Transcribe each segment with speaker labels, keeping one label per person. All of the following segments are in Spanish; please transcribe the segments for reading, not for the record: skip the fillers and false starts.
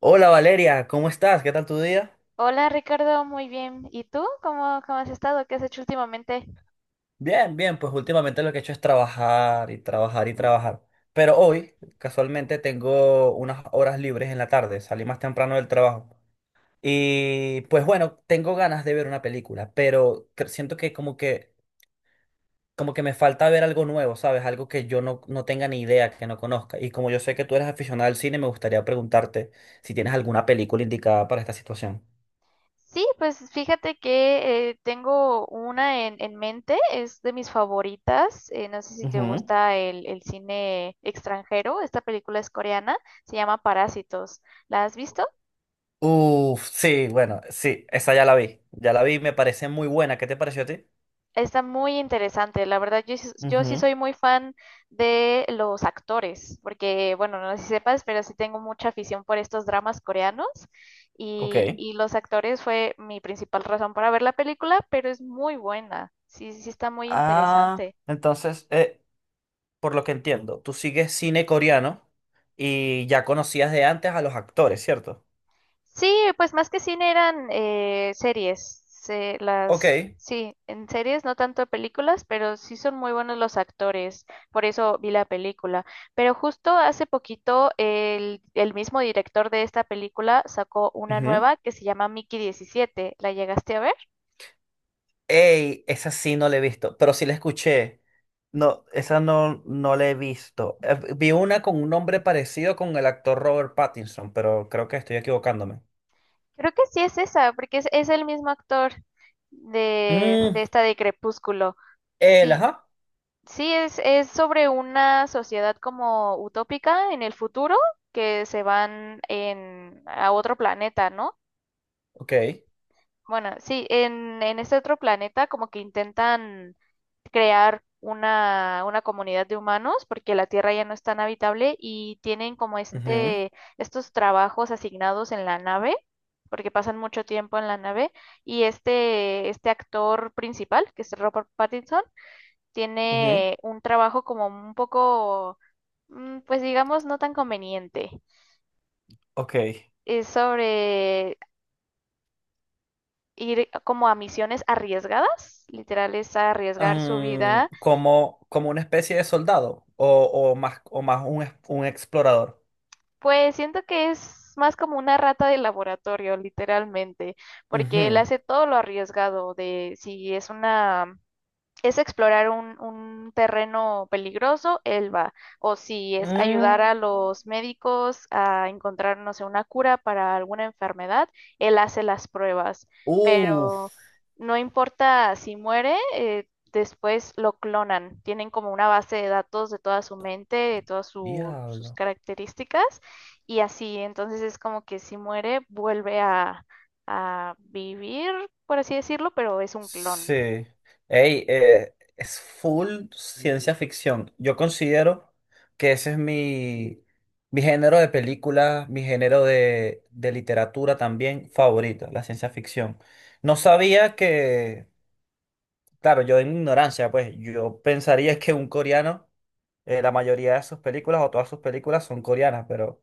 Speaker 1: Hola Valeria, ¿cómo estás? ¿Qué tal tu día?
Speaker 2: Hola Ricardo, muy bien. ¿Y tú? ¿Cómo has estado? ¿Qué has hecho últimamente?
Speaker 1: Bien, bien, pues últimamente lo que he hecho es trabajar y trabajar y trabajar. Pero hoy, casualmente, tengo unas horas libres en la tarde, salí más temprano del trabajo. Y pues bueno, tengo ganas de ver una película, pero siento que como que, como que me falta ver algo nuevo, ¿sabes? Algo que yo no tenga ni idea, que no conozca. Y como yo sé que tú eres aficionada al cine, me gustaría preguntarte si tienes alguna película indicada para esta situación.
Speaker 2: Sí, pues fíjate que tengo una en mente, es de mis favoritas. No sé si te
Speaker 1: Ujú.
Speaker 2: gusta el cine extranjero. Esta película es coreana, se llama Parásitos. ¿La has visto?
Speaker 1: Uf, sí, bueno, sí, esa ya la vi. Ya la vi, me parece muy buena. ¿Qué te pareció a ti?
Speaker 2: Está muy interesante. La verdad, yo sí
Speaker 1: Ujú.
Speaker 2: soy muy fan de los actores, porque, bueno, no sé si sepas, pero sí tengo mucha afición por estos dramas coreanos.
Speaker 1: Ok.
Speaker 2: Y los actores fue mi principal razón para ver la película, pero es muy buena. Sí, sí está muy
Speaker 1: Ah,
Speaker 2: interesante.
Speaker 1: entonces, por lo que entiendo, tú sigues cine coreano y ya conocías de antes a los actores, ¿cierto?
Speaker 2: Sí, pues más que cine eran series.
Speaker 1: Ok.
Speaker 2: Sí, en series, no tanto películas, pero sí son muy buenos los actores. Por eso vi la película. Pero justo hace poquito el mismo director de esta película sacó una
Speaker 1: Ujú.
Speaker 2: nueva que se llama Mickey 17. ¿La llegaste a ver?
Speaker 1: Ey, esa sí no la he visto, pero sí la escuché. No, esa no la he visto. Vi una con un nombre parecido con el actor Robert Pattinson, pero creo que estoy equivocándome.
Speaker 2: Creo que sí es esa, porque es el mismo actor de,
Speaker 1: Mm,
Speaker 2: de esta de Crepúsculo.
Speaker 1: él,
Speaker 2: Sí.
Speaker 1: ajá.
Speaker 2: Sí, es sobre una sociedad como utópica en el futuro que se van a otro planeta, ¿no?
Speaker 1: Ok.
Speaker 2: Bueno, sí, en este otro planeta como que intentan crear una comunidad de humanos porque la Tierra ya no es tan habitable y tienen como
Speaker 1: Ujú.
Speaker 2: estos trabajos asignados en la nave, porque pasan mucho tiempo en la nave, y este actor principal, que es Robert Pattinson,
Speaker 1: Ujú.
Speaker 2: tiene un trabajo como un poco, pues digamos, no tan conveniente.
Speaker 1: Ok.
Speaker 2: Es sobre ir como a misiones arriesgadas, literal es arriesgar su
Speaker 1: Mm,
Speaker 2: vida.
Speaker 1: como, como una especie de soldado o más un explorador.
Speaker 2: Pues siento que es más como una rata de laboratorio, literalmente, porque él
Speaker 1: Ujú.
Speaker 2: hace todo lo arriesgado de si es explorar un terreno peligroso, él va. O si es ayudar
Speaker 1: Mm.
Speaker 2: a los médicos a encontrar, no sé, una cura para alguna enfermedad, él hace las pruebas.
Speaker 1: Uf,
Speaker 2: Pero no importa si muere, después lo clonan. Tienen como una base de datos de toda su mente, de todas sus
Speaker 1: diablo.
Speaker 2: características y así. Entonces es como que si muere, vuelve a vivir, por así decirlo, pero es un clon.
Speaker 1: Sí. Ey, es full ciencia ficción. Yo considero que ese es mi, mi género de película, mi género de literatura también favorita la ciencia ficción. No sabía que claro, yo en mi ignorancia, pues yo pensaría que un coreano, la mayoría de sus películas o todas sus películas son coreanas, pero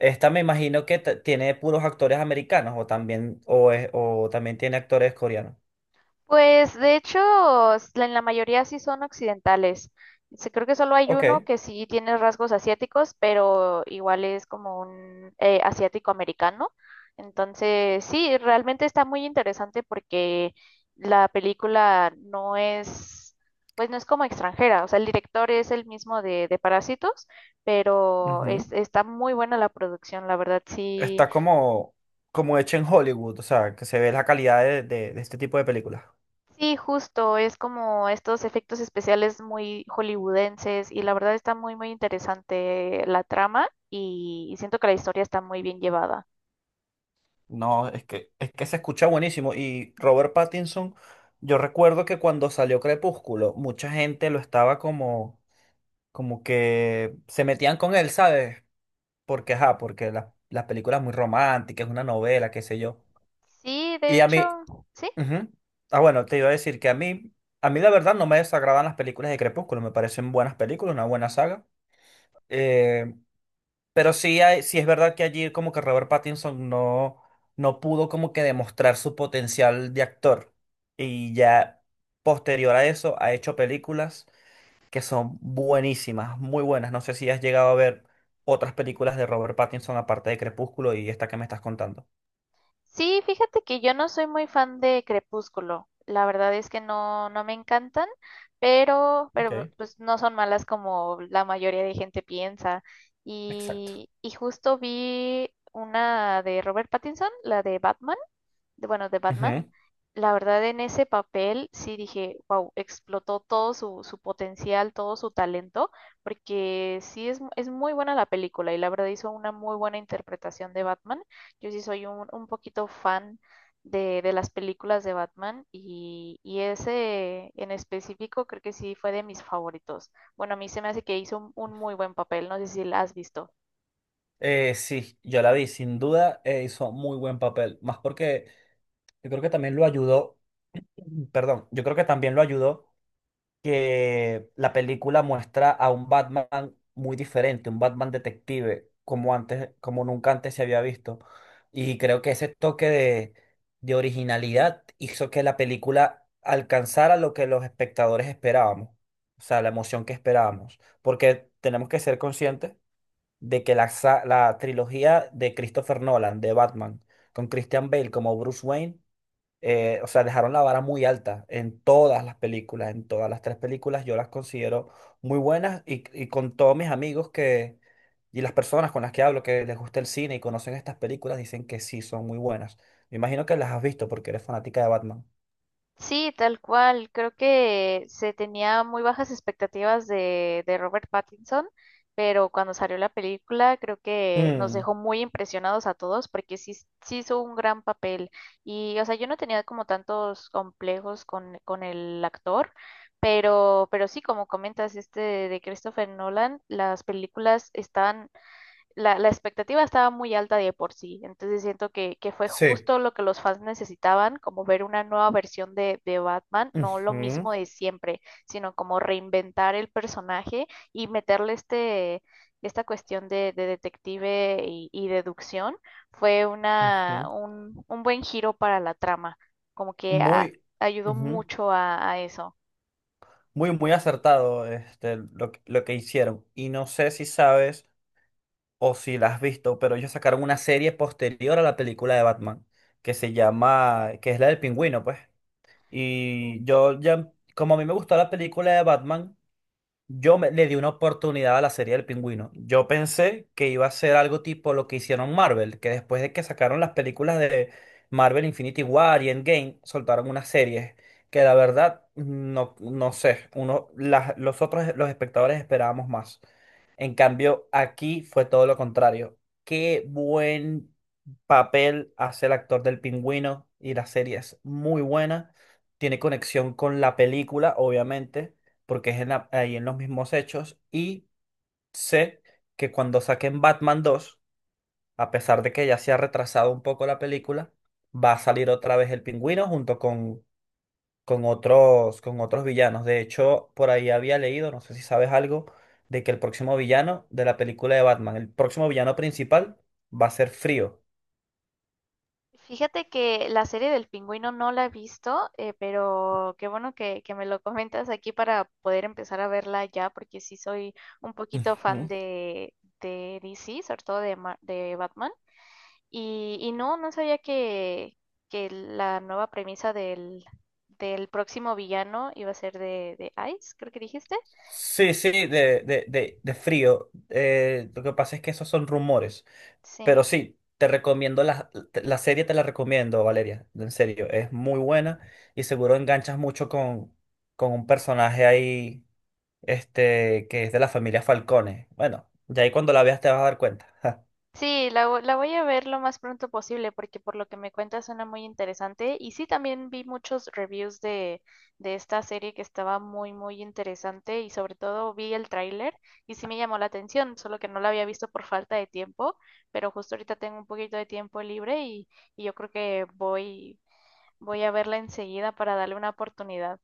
Speaker 1: esta me imagino que tiene puros actores americanos o también, o también tiene actores coreanos.
Speaker 2: Pues de hecho, en la mayoría sí son occidentales. Sí, creo que solo hay uno
Speaker 1: Ok,
Speaker 2: que sí tiene rasgos asiáticos, pero igual es como un asiático americano. Entonces, sí, realmente está muy interesante porque la película no es como extranjera. O sea, el director es el mismo de Parásitos, pero
Speaker 1: ujú.
Speaker 2: está muy buena la producción, la verdad, sí.
Speaker 1: Está como, como hecha en Hollywood, o sea, que se ve la calidad de, de este tipo de películas.
Speaker 2: Sí, justo, es como estos efectos especiales muy hollywoodenses y la verdad está muy, muy interesante la trama y siento que la historia está muy bien llevada.
Speaker 1: No, es que se escucha buenísimo. Y Robert Pattinson, yo recuerdo que cuando salió Crepúsculo, mucha gente lo estaba como como que se metían con él, ¿sabes? Porque, ajá, porque la, las películas muy románticas, es una novela, qué sé yo.
Speaker 2: Sí, de
Speaker 1: Y a
Speaker 2: hecho,
Speaker 1: mí,
Speaker 2: sí,
Speaker 1: ujú. Ah, bueno, te iba a decir que a mí la verdad no me desagradan las películas de Crepúsculo, me parecen buenas películas, una buena saga. Eh, pero sí, hay, sí es verdad que allí como que Robert Pattinson no, no pudo como que demostrar su potencial de actor. Y ya posterior a eso ha hecho películas que son buenísimas, muy buenas. No sé si has llegado a ver otras películas de Robert Pattinson aparte de Crepúsculo y esta que me estás contando.
Speaker 2: sí, fíjate que yo no soy muy fan de Crepúsculo, la verdad es que no, no me encantan, pero,
Speaker 1: Ok.
Speaker 2: pero pues no son malas como la mayoría de gente piensa.
Speaker 1: Exacto.
Speaker 2: Y justo vi una de Robert Pattinson, la de Batman, de Batman.
Speaker 1: Ujú.
Speaker 2: La verdad, en ese papel sí dije, wow, explotó todo su potencial, todo su talento, porque sí es muy buena la película y la verdad hizo una muy buena interpretación de Batman. Yo sí soy un poquito fan de las películas de Batman y ese en específico creo que sí fue de mis favoritos. Bueno, a mí se me hace que hizo un muy buen papel, no sé si la has visto.
Speaker 1: Sí, yo la vi, sin duda hizo muy buen papel, más porque yo creo que también lo ayudó, perdón, yo creo que también lo ayudó que la película muestra a un Batman muy diferente, un Batman detective, como antes, como nunca antes se había visto. Y creo que ese toque de originalidad hizo que la película alcanzara lo que los espectadores esperábamos, o sea, la emoción que esperábamos, porque tenemos que ser conscientes de que la, la trilogía de Christopher Nolan, de Batman, con Christian Bale como Bruce Wayne, o sea, dejaron la vara muy alta en todas las películas, en todas las tres películas, yo las considero muy buenas y con todos mis amigos que, y las personas con las que hablo que les gusta el cine y conocen estas películas, dicen que sí, son muy buenas. Me imagino que las has visto porque eres fanática de Batman.
Speaker 2: Sí, tal cual. Creo que se tenía muy bajas expectativas de Robert Pattinson, pero cuando salió la película creo que nos
Speaker 1: Mm,
Speaker 2: dejó muy impresionados a todos porque sí, sí hizo un gran papel. Y, o sea, yo no tenía como tantos complejos con el actor, pero sí, como comentas, este de Christopher Nolan, las películas la expectativa estaba muy alta de por sí, entonces siento que fue
Speaker 1: sí.
Speaker 2: justo lo que los fans necesitaban, como ver una nueva versión de Batman, no lo
Speaker 1: Ujú,
Speaker 2: mismo de siempre, sino como reinventar el personaje y meterle este, esta cuestión de detective y deducción, fue una,
Speaker 1: ujú.
Speaker 2: un, un buen giro para la trama, como que
Speaker 1: Muy,
Speaker 2: ayudó
Speaker 1: ujú.
Speaker 2: mucho a eso.
Speaker 1: Muy, muy acertado este, lo, lo que hicieron. Y no sé si sabes o si la has visto, pero ellos sacaron una serie posterior a la película de Batman, que se llama, que es la del pingüino, pues.
Speaker 2: Sí.
Speaker 1: Y yo ya, como a mí me gustó la película de Batman, yo le di una oportunidad a la serie del Pingüino. Yo pensé que iba a ser algo tipo lo que hicieron Marvel, que después de que sacaron las películas de Marvel Infinity War y Endgame, soltaron unas series que la verdad no, no sé, uno, las, los otros, los espectadores esperábamos más. En cambio, aquí fue todo lo contrario. Qué buen papel hace el actor del Pingüino y la serie es muy buena. Tiene conexión con la película, obviamente porque es en ahí en los mismos hechos, y sé que cuando saquen Batman 2, a pesar de que ya se ha retrasado un poco la película, va a salir otra vez el pingüino junto con otros villanos. De hecho, por ahí había leído, no sé si sabes algo, de que el próximo villano de la película de Batman, el próximo villano principal, va a ser Frío.
Speaker 2: Fíjate que la serie del pingüino no la he visto, pero qué bueno que me lo comentas aquí para poder empezar a verla ya, porque sí soy un poquito fan
Speaker 1: Ujú.
Speaker 2: de DC, sobre todo de Batman. Y no, no sabía que la nueva premisa del próximo villano iba a ser de Ice, creo que dijiste.
Speaker 1: Sí, sí,
Speaker 2: Sí.
Speaker 1: de frío. Lo que pasa es que esos son rumores.
Speaker 2: Sí.
Speaker 1: Pero sí, te recomiendo la, la serie, te la recomiendo, Valeria, en serio, es muy buena y seguro enganchas mucho con un personaje ahí, este, que es de la familia Falcone. Bueno, ya ahí cuando la veas te vas a dar cuenta.
Speaker 2: Sí, la voy a ver lo más pronto posible porque por lo que me cuentas suena muy interesante. Y sí, también vi muchos reviews de esta serie que estaba muy, muy interesante y sobre todo vi el tráiler y sí me llamó la atención, solo que no la había visto por falta de tiempo, pero justo ahorita tengo un poquito de tiempo libre y yo creo que voy a verla enseguida para darle una oportunidad.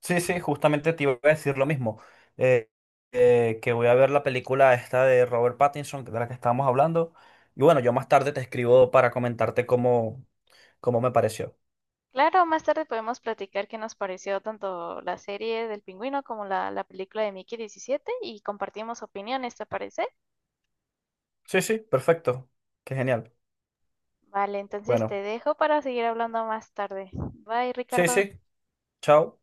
Speaker 1: Sí, sí, justamente te iba a decir lo mismo, eh, que voy a ver la película esta de Robert Pattinson, de la que estábamos hablando, y bueno, yo más tarde te escribo para comentarte cómo, cómo me pareció.
Speaker 2: Claro, más tarde podemos platicar qué nos pareció tanto la serie del pingüino como la película de Mickey 17 y compartimos opiniones, ¿te parece?
Speaker 1: Sí, sí, perfecto, qué genial.
Speaker 2: Vale, entonces te
Speaker 1: Bueno,
Speaker 2: dejo para seguir hablando más tarde. Bye,
Speaker 1: sí,
Speaker 2: Ricardo.
Speaker 1: sí, chao.